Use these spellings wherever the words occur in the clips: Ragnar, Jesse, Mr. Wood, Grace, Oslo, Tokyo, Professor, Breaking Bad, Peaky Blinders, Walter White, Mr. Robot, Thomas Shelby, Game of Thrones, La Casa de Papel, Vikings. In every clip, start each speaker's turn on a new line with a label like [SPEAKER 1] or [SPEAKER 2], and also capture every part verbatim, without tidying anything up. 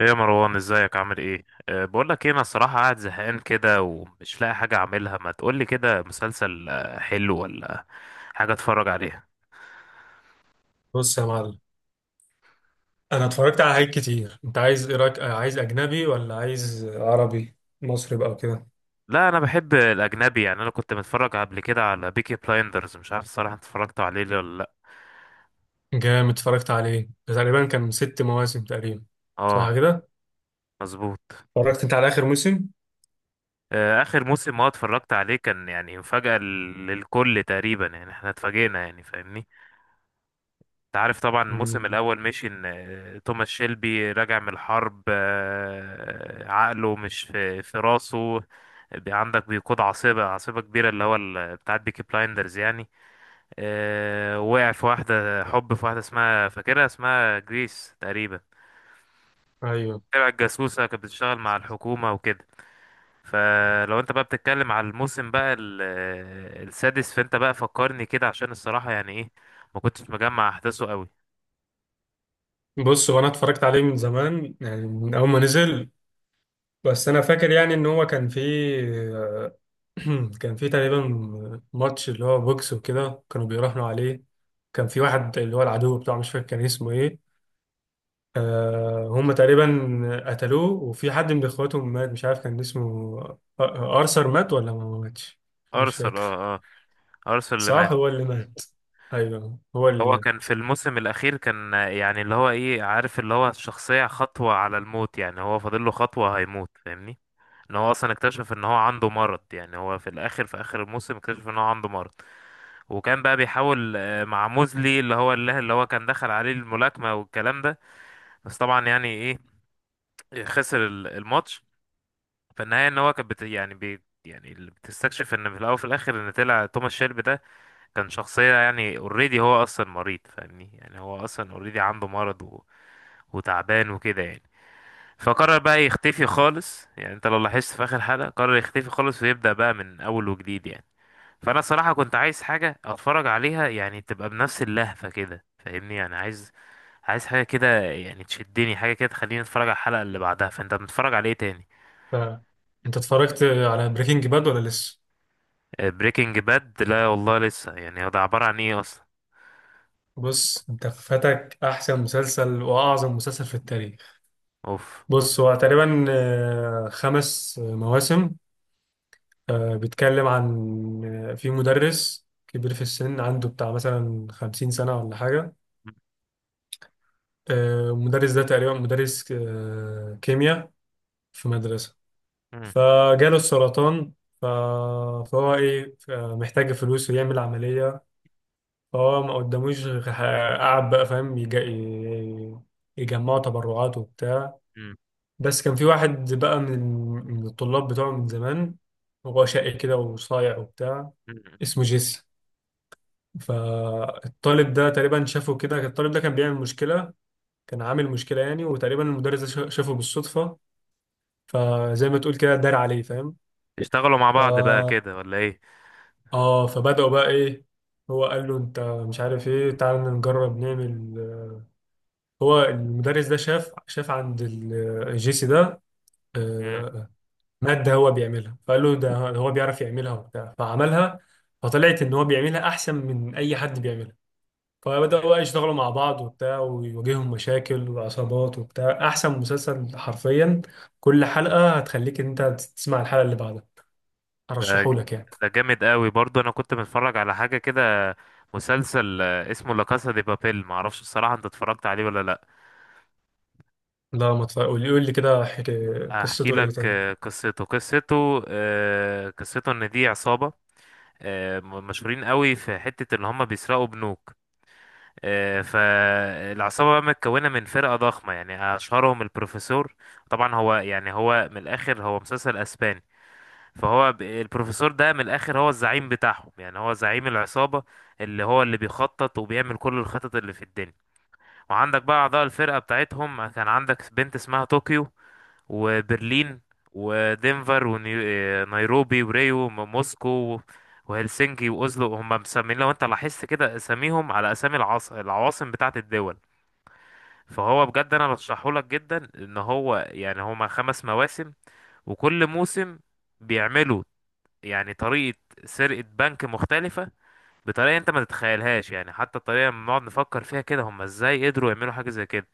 [SPEAKER 1] ايه يا مروان، ازيك؟ عامل ايه؟ أه بقول لك ايه، انا الصراحه قاعد زهقان كده ومش لاقي حاجه اعملها. ما تقول لي كده مسلسل آه، حلو، ولا حاجه اتفرج عليها؟
[SPEAKER 2] بص يا معلم، انا اتفرجت على حاجات كتير. انت عايز ايه، رايك آه، عايز اجنبي ولا عايز عربي مصري بقى وكده؟
[SPEAKER 1] لا، انا بحب الاجنبي. يعني انا كنت متفرج قبل كده على بيكي بلايندرز. مش عارف الصراحه، انت اتفرجت عليه ليه ولا لا؟
[SPEAKER 2] جامد، اتفرجت عليه. ده تقريبا كان ست مواسم تقريبا،
[SPEAKER 1] اه.
[SPEAKER 2] صح كده.
[SPEAKER 1] مظبوط.
[SPEAKER 2] اتفرجت انت على اخر موسم؟
[SPEAKER 1] آه، اخر موسم ما اتفرجت عليه كان يعني مفاجاه لل- للكل تقريبا، يعني احنا اتفاجئنا، يعني فاهمني؟ انت عارف طبعا، الموسم
[SPEAKER 2] امم.
[SPEAKER 1] الاول مشي ان آه، توماس شيلبي راجع من الحرب، آه، عقله مش في في راسه. بي- عندك بيقود عاصفة عاصفة كبيرة، اللي هو ال- بتاعت بيكي بلايندرز يعني. آه، وقع في واحدة، حب في واحدة اسمها، فاكرها اسمها جريس تقريبا،
[SPEAKER 2] ايوه.
[SPEAKER 1] تبع الجاسوسة، كانت بتشتغل مع الحكومة وكده. فلو انت بقى بتتكلم على الموسم بقى ال- آه، السادس، فانت بقى فكرني كده، عشان الصراحة يعني ايه، ما كنتش مجمع احداثه قوي.
[SPEAKER 2] بص، هو انا اتفرجت عليه من زمان، يعني من اول ما نزل، بس انا فاكر يعني ان هو كان فيه آه، كان فيه تقريبا ماتش، اللي هو بوكس، وكده كانوا بيراهنوا عليه. كان في واحد اللي هو العدو بتاعه، مش فاكر كان اسمه ايه. آه هم تقريبا قتلوه، وفي حد من اخواتهم مات، مش عارف كان اسمه آه، ارثر، مات ولا ما ماتش؟ مش
[SPEAKER 1] ارسل اه
[SPEAKER 2] فاكر.
[SPEAKER 1] آه. ارسنال اللي
[SPEAKER 2] صح،
[SPEAKER 1] مات.
[SPEAKER 2] هو اللي
[SPEAKER 1] مم.
[SPEAKER 2] مات. ايوه، هو اللي
[SPEAKER 1] هو كان
[SPEAKER 2] مات.
[SPEAKER 1] في الموسم الاخير، كان يعني اللي هو ايه، عارف اللي هو الشخصيه خطوه على الموت، يعني هو فاضل له خطوه هيموت، فاهمني؟ ان هو اصلا اكتشف ان هو عنده مرض. يعني هو في الاخر، في اخر الموسم، اكتشف ان هو عنده مرض. وكان بقى بيحاول آه، مع موزلي، اللي هو اللي اللي هو كان دخل عليه الملاكمه والكلام ده. بس طبعا يعني ايه، خسر ال- الماتش. فالنهايه ان هو كان بت يعني بي يعني اللي بتستكشف ان في الاول وفي الاخر، ان طلع توماس شيلبي ده كان شخصية، يعني اوريدي هو اصلا مريض، فاهمني؟ يعني هو اصلا اوريدي عنده مرض و... وتعبان وكده يعني. فقرر بقى يختفي خالص. يعني انت لو لاحظت في اخر حلقة، قرر يختفي خالص ويبدأ بقى من اول وجديد يعني. فانا صراحة كنت عايز حاجة اتفرج عليها، يعني تبقى بنفس اللهفة كده فاهمني. يعني عايز عايز حاجة كده، يعني تشدني حاجة كده، تخليني اتفرج على الحلقة اللي بعدها. فانت بتتفرج على ايه تاني؟
[SPEAKER 2] ف... انت اتفرجت على بريكنج باد ولا لسه؟
[SPEAKER 1] بريكنج باد؟ لا والله لسه. يعني هو ده عبارة عن ايه اصلا؟
[SPEAKER 2] بص، انت فاتك احسن مسلسل واعظم مسلسل في التاريخ.
[SPEAKER 1] اوف.
[SPEAKER 2] بص، هو تقريبا آه، خمس آه، مواسم. آه، بيتكلم عن آه، في مدرس كبير في السن، عنده بتاع مثلا خمسين سنة ولا حاجة. آه، المدرس ده تقريبا مدرس آه، كيمياء في مدرسة.
[SPEAKER 1] مم.
[SPEAKER 2] فجاله السرطان. ف- فهو ايه، ف- محتاج فلوس ويعمل عملية. فهو ما قداموش غير ح- قعد بقى فاهم، يج- ي- يجمعوا تبرعات وبتاع.
[SPEAKER 1] مم.
[SPEAKER 2] بس كان في واحد بقى من من الطلاب بتوعه من زمان، هو شقي كده وصايع وبتاع،
[SPEAKER 1] مم.
[SPEAKER 2] اسمه جيسي. فالطالب ده تقريبا شافه كده، الطالب ده كان بيعمل مشكلة، كان عامل مشكلة يعني. وتقريبا المدرس ده شا- شافه بالصدفة، فزي ما تقول كده دار عليه، فاهم.
[SPEAKER 1] اشتغلوا مع بعض بقى
[SPEAKER 2] ف
[SPEAKER 1] كده ولا ايه؟
[SPEAKER 2] اه فبدأوا بقى ايه، هو قال له انت مش عارف ايه، تعال نجرب نعمل. هو المدرس ده شاف شاف عند ال- الجيسي ده
[SPEAKER 1] مم.
[SPEAKER 2] آه، مادة هو بيعملها، فقال له ده هو بيعرف يعملها وبتاع، فعملها، فطلعت ان هو بيعملها احسن من اي حد بيعملها. فبدأوا بقى يشتغلوا مع بعض وبتاع، ويواجههم مشاكل وعصابات وبتاع. احسن مسلسل حرفيا، كل حلقة هتخليك ان انت تسمع الحلقة اللي بعدها.
[SPEAKER 1] ده
[SPEAKER 2] ارشحهولك يعني.
[SPEAKER 1] ده جامد قوي برضو، انا كنت بتفرج على حاجه كده، مسلسل آه، اسمه لا كاسا دي بابيل. معرفش الصراحه، انت اتفرجت عليه ولا لا؟
[SPEAKER 2] لا، ما تف- قول قول لي كده، حكا-
[SPEAKER 1] هحكي
[SPEAKER 2] قصته ايه
[SPEAKER 1] لك
[SPEAKER 2] طيب؟
[SPEAKER 1] آه، قصته قصته آه، قصته ان دي عصابه، آه، م- مشهورين قوي في حته ان هم بيسرقوا بنوك. آه، فالعصابه بقى متكونه من فرقه ضخمه، يعني اشهرهم البروفيسور. طبعا هو، يعني هو من الاخر هو مسلسل اسباني. فهو ب- البروفيسور ده من الاخر هو الزعيم بتاعهم، يعني هو زعيم العصابة، اللي هو اللي بيخطط وبيعمل كل الخطط اللي في الدنيا. وعندك بقى اعضاء الفرقة بتاعتهم، كان عندك بنت اسمها طوكيو، وبرلين، ودنفر، ونيروبي، وريو، وموسكو، وهلسنكي، واوزلو. هم مسمين، لو انت لاحظت كده، اساميهم على اسامي العاص... العواصم بتاعت الدول. فهو بجد انا برشحهولك جدا، ان هو يعني هما خمس مواسم، وكل موسم بيعملوا يعني طريقة سرقة بنك مختلفة، بطريقة انت ما تتخيلهاش. يعني حتى الطريقة لما بنقعد نفكر فيها كده، هم ازاي قدروا يعملوا حاجة زي كده؟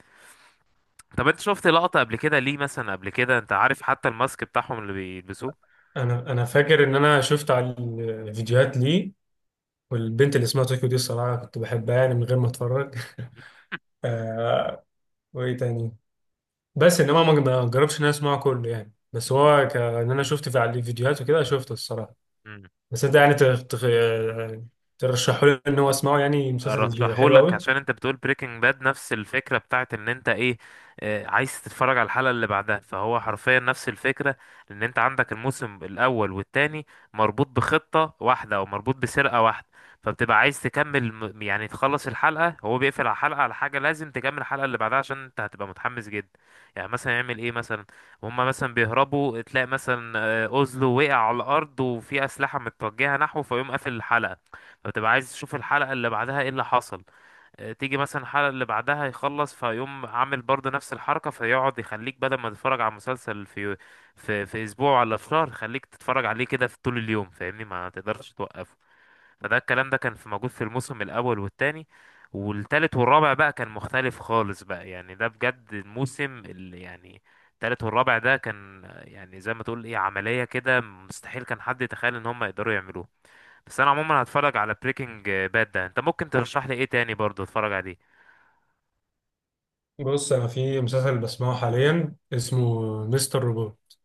[SPEAKER 1] طب انت شفت لقطة قبل كده ليه مثلا؟ قبل كده انت عارف حتى الماسك بتاعهم اللي بيلبسوه.
[SPEAKER 2] انا انا فاكر ان انا شفت على الفيديوهات ليه، والبنت اللي اسمها طوكيو دي الصراحه كنت بحبها يعني من غير ما اتفرج. آه وايه تاني، بس انما ما ما جربتش ان انا اسمعه كله يعني. بس هو ك- ان انا شفت في على الفيديوهات وكده، شفته الصراحه.
[SPEAKER 1] مم.
[SPEAKER 2] بس انت يعني تخ... تخ... ترشحوا لي ان هو اسمعه، يعني مسلسل ج- حلو
[SPEAKER 1] ارشحهولك
[SPEAKER 2] قوي.
[SPEAKER 1] عشان انت بتقول بريكنج باد نفس الفكره، بتاعت ان انت ايه، آه، عايز تتفرج على الحلقه اللي بعدها. فهو حرفيا نفس الفكره، ان انت عندك الموسم الاول والتاني مربوط بخطه واحده، او مربوط بسرقه واحده. فبتبقى عايز تكمل م- يعني تخلص الحلقه، هو بيقفل على حلقه، على حاجه لازم تكمل الحلقه اللي بعدها، عشان انت هتبقى متحمس جدا. يعني مثلا يعمل ايه مثلا، هما مثلا بيهربوا، تلاقي مثلا آه، اوزلو وقع على الارض وفي اسلحه متوجهه نحوه، فيقوم قافل الحلقه. فبتبقى عايز تشوف الحلقة اللي بعدها ايه اللي حصل. آه، تيجي مثلا الحلقة اللي بعدها يخلص، فيقوم عامل برضه نفس الحركة. فيقعد يخليك، بدل ما تتفرج على مسلسل في في في أسبوع ولا في شهر، خليك تتفرج عليه كده في طول اليوم، فاهمني؟ ما تقدرش توقفه. فده الكلام ده كان في موجود في الموسم الأول والتاني. والتالت والرابع بقى كان مختلف خالص بقى، يعني ده بجد الموسم اللي يعني، التالت والرابع ده كان آه، يعني زي ما تقول ايه، عملية كده مستحيل كان حد يتخيل ان هم يقدروا يعملوها. بس انا عموما هتفرج على بريكنج باد ده. انت ممكن ترشح لي ايه تاني برضو اتفرج عليه؟
[SPEAKER 2] بص، انا في مسلسل بسمعه حاليا، اسمه مستر روبوت.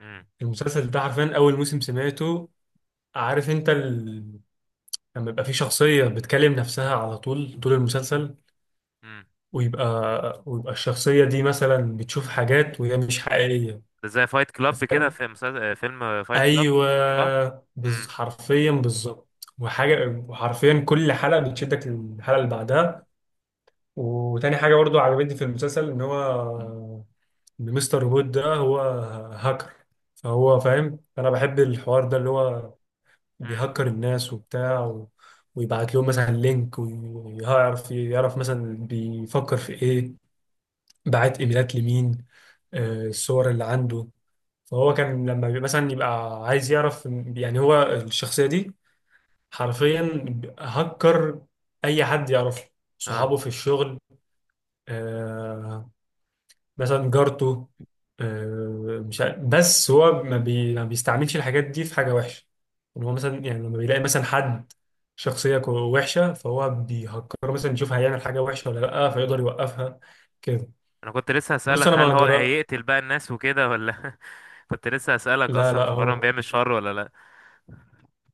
[SPEAKER 1] امم.
[SPEAKER 2] المسلسل ده حرفيا اول موسم سمعته. عارف انت، لما يبقى في شخصية بتكلم نفسها على طول طول المسلسل،
[SPEAKER 1] امم.
[SPEAKER 2] ويبقى ويبقى الشخصية دي مثلا بتشوف حاجات وهي مش حقيقية.
[SPEAKER 1] ده زي فايت
[SPEAKER 2] أنت
[SPEAKER 1] كلاب كده،
[SPEAKER 2] فاهم؟
[SPEAKER 1] في مسلسل آه، فيلم فايت كلاب. صح.
[SPEAKER 2] أيوه. بز...
[SPEAKER 1] امم.
[SPEAKER 2] حرفيا بالظبط.
[SPEAKER 1] امم.
[SPEAKER 2] وحاجة، وحرفيا كل حلقة بتشدك للحلقة اللي بعدها. وتاني حاجة برضو عجبتني في المسلسل إن هو، إن مستر وود ده هو هاكر. فهو فاهم، أنا بحب الحوار ده اللي هو
[SPEAKER 1] امم.
[SPEAKER 2] بيهكر الناس وبتاع و... ويبعت لهم مثلا لينك، ويعرف يعرف مثلا بيفكر في ايه، بعت ايميلات لمين، آه الصور اللي عنده. فهو كان لما بي- مثلا يبقى عايز يعرف، يعني هو الشخصية دي حرفيا هكر، اي حد يعرفه، صحابه
[SPEAKER 1] اه.
[SPEAKER 2] في الشغل، آه، مثلا جارته. آه، مش عارف، بس هو ما, بي... ما بيستعملش الحاجات دي في حاجة وحشة. ان هو مثلا يعني لما بيلاقي مثلا حد شخصية كو- وحشة، فهو بيهكره مثلا يشوف هيعمل حاجة وحشة ولا لأ، فيقدر يوقفها كده.
[SPEAKER 1] انا كنت لسه
[SPEAKER 2] بص،
[SPEAKER 1] هسألك،
[SPEAKER 2] أنا
[SPEAKER 1] هل
[SPEAKER 2] ما
[SPEAKER 1] هو
[SPEAKER 2] جرى،
[SPEAKER 1] هيقتل بقى الناس وكده ولا؟ كنت لسه هسألك
[SPEAKER 2] لا
[SPEAKER 1] اصلا،
[SPEAKER 2] لا،
[SPEAKER 1] في مرة
[SPEAKER 2] هو
[SPEAKER 1] بيعمل شر ولا لا؟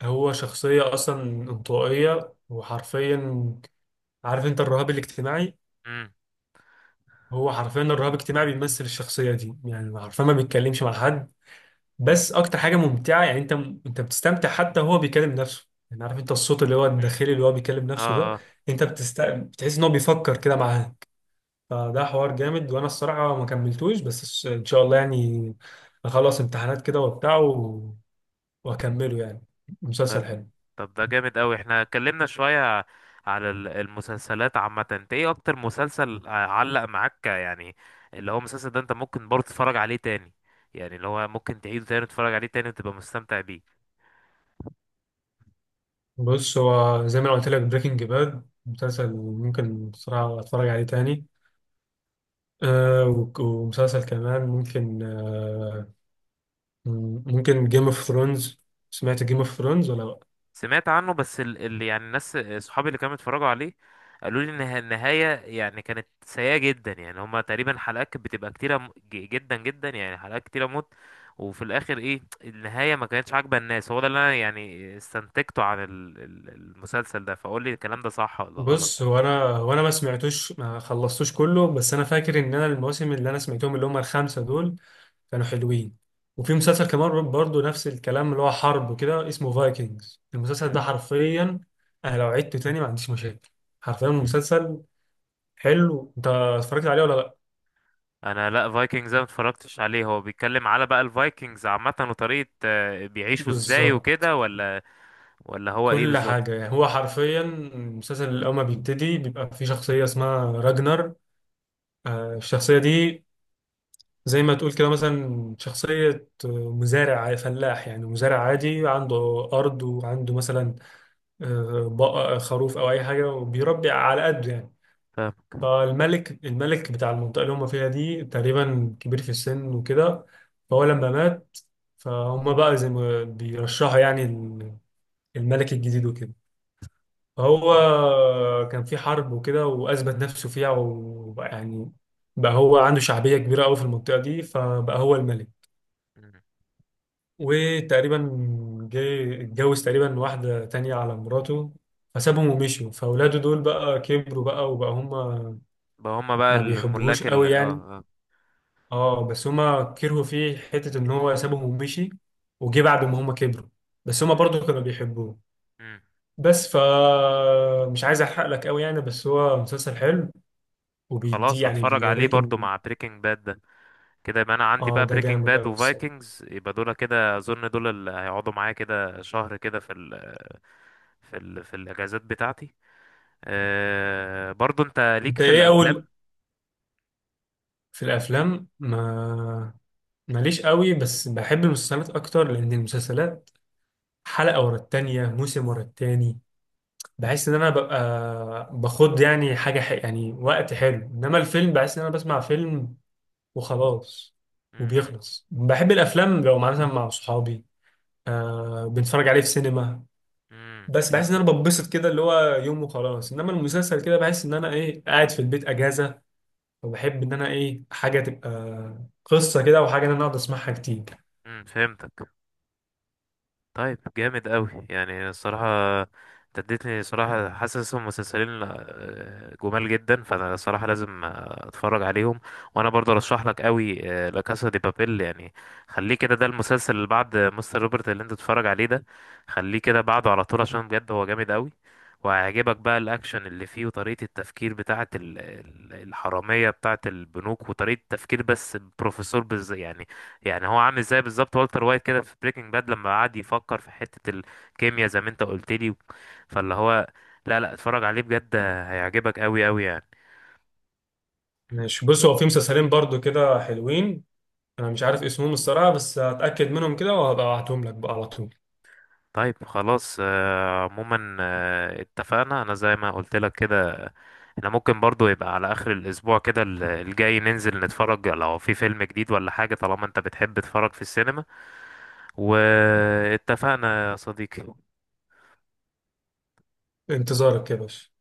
[SPEAKER 2] هو شخصية أصلا انطوائية، وحرفيا عارف أنت الرهاب الاجتماعي؟
[SPEAKER 1] امم.
[SPEAKER 2] هو حرفيا الرهاب الاجتماعي بيمثل الشخصية دي، يعني حرفيا ما بيتكلمش مع حد. بس اكتر حاجه ممتعه يعني، انت انت بتستمتع، حتى هو بيكلم نفسه. يعني عارف انت الصوت اللي هو
[SPEAKER 1] أمم.
[SPEAKER 2] الداخلي اللي هو بيكلم نفسه ده،
[SPEAKER 1] اه.
[SPEAKER 2] انت بتست... بتحس ان هو بيفكر كده معاه. فده حوار جامد، وانا الصراحه ما كملتوش، بس الش- ان شاء الله يعني، اخلص امتحانات كده وبتاع و... واكمله يعني.
[SPEAKER 1] اه.
[SPEAKER 2] مسلسل حلو.
[SPEAKER 1] طب ده جامد قوي. احنا اتكلمنا شوية على ال- المسلسلات عامة. انت ايه اكتر مسلسل ع- علق معاك يعني؟ اللي هو المسلسل ده انت ممكن برضه تتفرج عليه تاني، يعني اللي هو ممكن تعيده تاني وتتفرج عليه تاني وتبقى مستمتع بيه.
[SPEAKER 2] بص، هو زي ما أنا قلت لك، بريكنج باد مسلسل ممكن بصراحه اتفرج عليه تاني. آه وك- ومسلسل كمان ممكن آه ممكن جيم اوف ثرونز. سمعت جيم اوف ثرونز ولا لأ؟
[SPEAKER 1] سمعت عنه، بس اللي يعني الناس صحابي اللي كانوا بيتفرجوا عليه قالوا لي ان النها- النهايه يعني كانت سيئه جدا. يعني هما تقريبا حلقات كانت بتبقى كتيره م- ج- جدا جدا، يعني حلقات كتيره موت. وفي الاخر ايه النهايه ما كانتش عاجبه الناس. هو ده اللي انا يعني استنتجته عن ال- ال- المسلسل ده، فقول لي الكلام ده صح ولا
[SPEAKER 2] بص، هو
[SPEAKER 1] غلط؟
[SPEAKER 2] انا وانا ما سمعتوش ما خلصتوش كله، بس انا فاكر ان انا المواسم اللي انا سمعتهم اللي هم الخمسه دول كانوا حلوين. وفي مسلسل كمان برضو نفس الكلام، اللي هو حرب وكده، اسمه فايكنجز. المسلسل
[SPEAKER 1] مم.
[SPEAKER 2] ده حرفيا انا لو عدته تاني ما عنديش مشاكل، حرفيا
[SPEAKER 1] مم.
[SPEAKER 2] مسلسل حلو. انت اتفرجت عليه ولا لا؟
[SPEAKER 1] انا لا، فايكنجز ما اتفرجتش عليه. هو بيتكلم على بقى الفايكنجز عامه وطريقه آه، بيعيشوا ازاي
[SPEAKER 2] بالظبط.
[SPEAKER 1] وكده، ولا ولا هو ايه
[SPEAKER 2] كل
[SPEAKER 1] بالظبط؟
[SPEAKER 2] حاجه يعني، هو حرفيا المسلسل الاول ما بيبتدي بيبقى في شخصيه اسمها راجنر. آه، الشخصيه دي زي ما تقول كده مثلا شخصية مزارع فلاح
[SPEAKER 1] مم.
[SPEAKER 2] يعني، مزارع
[SPEAKER 1] مم. مم.
[SPEAKER 2] عادي، عنده أرض، وعنده مثلا آه، بقى خروف أو أي حاجة، وبيربي على قده يعني.
[SPEAKER 1] فاهم.
[SPEAKER 2] فالملك الملك بتاع المنطقة اللي هم فيها دي تقريبا كبير في السن وكده، فهو لما مات، فهم بقى زي ما بيرشحوا يعني الملك الجديد وكده. فهو كان في حرب وكده، وأثبت نفسه فيها، وبقى يعني بقى هو عنده شعبية كبيرة أوي في المنطقة دي، فبقى هو الملك. وتقريبا جه، اتجوز تقريبا واحدة تانية على مراته، فسابهم ومشوا. فأولاده دول بقى كبروا بقى، وبقى هما
[SPEAKER 1] بقى هما بقى
[SPEAKER 2] ما بيحبوهوش
[SPEAKER 1] الملاك ال
[SPEAKER 2] قوي
[SPEAKER 1] اه
[SPEAKER 2] يعني.
[SPEAKER 1] اه
[SPEAKER 2] اه، بس هما كرهوا فيه حتة إن هو سابهم ومشي، وجه بعد ما هما كبروا، بس هما
[SPEAKER 1] مم.
[SPEAKER 2] برضه كانوا بيحبوه.
[SPEAKER 1] مم.
[SPEAKER 2] بس ف مش عايز أحرق لك قوي يعني، بس هو مسلسل حلو وبيدي
[SPEAKER 1] خلاص،
[SPEAKER 2] يعني
[SPEAKER 1] هتفرج عليه
[SPEAKER 2] بيوريك
[SPEAKER 1] برضو
[SPEAKER 2] إن.
[SPEAKER 1] مع بريكنج باد ده. كده يبقى انا عندي
[SPEAKER 2] اه،
[SPEAKER 1] بقى
[SPEAKER 2] ده
[SPEAKER 1] بريكنج
[SPEAKER 2] جامد
[SPEAKER 1] باد
[SPEAKER 2] قوي الصراحة.
[SPEAKER 1] وفايكنجز، يبقى دول كده اظن دول اللي هيقعدوا معايا كده شهر كده، في ال، في ال في الاجازات بتاعتي. أه، برضو انت ليك
[SPEAKER 2] أنت
[SPEAKER 1] في
[SPEAKER 2] إيه أول،
[SPEAKER 1] الافلام؟
[SPEAKER 2] في الأفلام ما ماليش قوي، بس بحب المسلسلات اكتر، لان المسلسلات حلقه ورا التانيه، موسم ورا التاني. بحس ان انا ببقى باخد يعني حاجه ح... يعني وقت حلو، انما الفيلم بحس ان انا بسمع فيلم وخلاص
[SPEAKER 1] مم.
[SPEAKER 2] وبيخلص. بحب الافلام لو مع- مثلا مع صحابي، آه بنتفرج عليه في سينما،
[SPEAKER 1] مم.
[SPEAKER 2] بس بحس ان
[SPEAKER 1] فهمتك.
[SPEAKER 2] انا ببسط كده اللي هو يوم وخلاص. انما المسلسل كده بحس ان انا ايه قاعد في البيت اجازه، وبحب ان انا ايه حاجه تبقى قصه كده، وحاجه ان انا اقعد اسمعها كتير.
[SPEAKER 1] مم. فهمتك. طيب جامد قوي يعني الصراحة، انت اديتني صراحة. حاسس هم مسلسلين آه، جمال جدا، فانا الصراحة لازم آه، اتفرج عليهم. وانا برضه ارشح لك قوي لا كاسا دي بابيل، يعني خليه كده، ده المسلسل اللي بعد مستر روبرت اللي انت تتفرج عليه ده، خليه كده بعده على طول، عشان بجد هو جامد قوي. وهيعجبك بقى الاكشن اللي فيه، وطريقة التفكير بتاعة ال- ال- الحرامية بتاعة البنوك، وطريقة التفكير، بس بروفيسور بز يعني. يعني هو عامل ازاي بالظبط والتر وايت كده في بريكنج باد، لما قعد يفكر في حتة الكيمياء زي ما انت قلت لي. فاللي هو، لا، لا، اتفرج عليه بجد، هيعجبك قوي قوي يعني.
[SPEAKER 2] ماشي. بص، هو في مسلسلين برضو كده حلوين، انا مش عارف اسمهم الصراحه، بس هتاكد منهم كده وهبقى ابعتهم لك بقى على طول.
[SPEAKER 1] طيب خلاص. آه، عموما آه، اتفقنا، انا زي ما قلت لك كده، احنا ممكن برضو يبقى على اخر الاسبوع كده ال- الجاي، ننزل نتفرج لو في فيلم جديد ولا حاجة، طالما انت بتحب تتفرج في السينما. واتفقنا يا صديقي.
[SPEAKER 2] انتظارك يا باشا.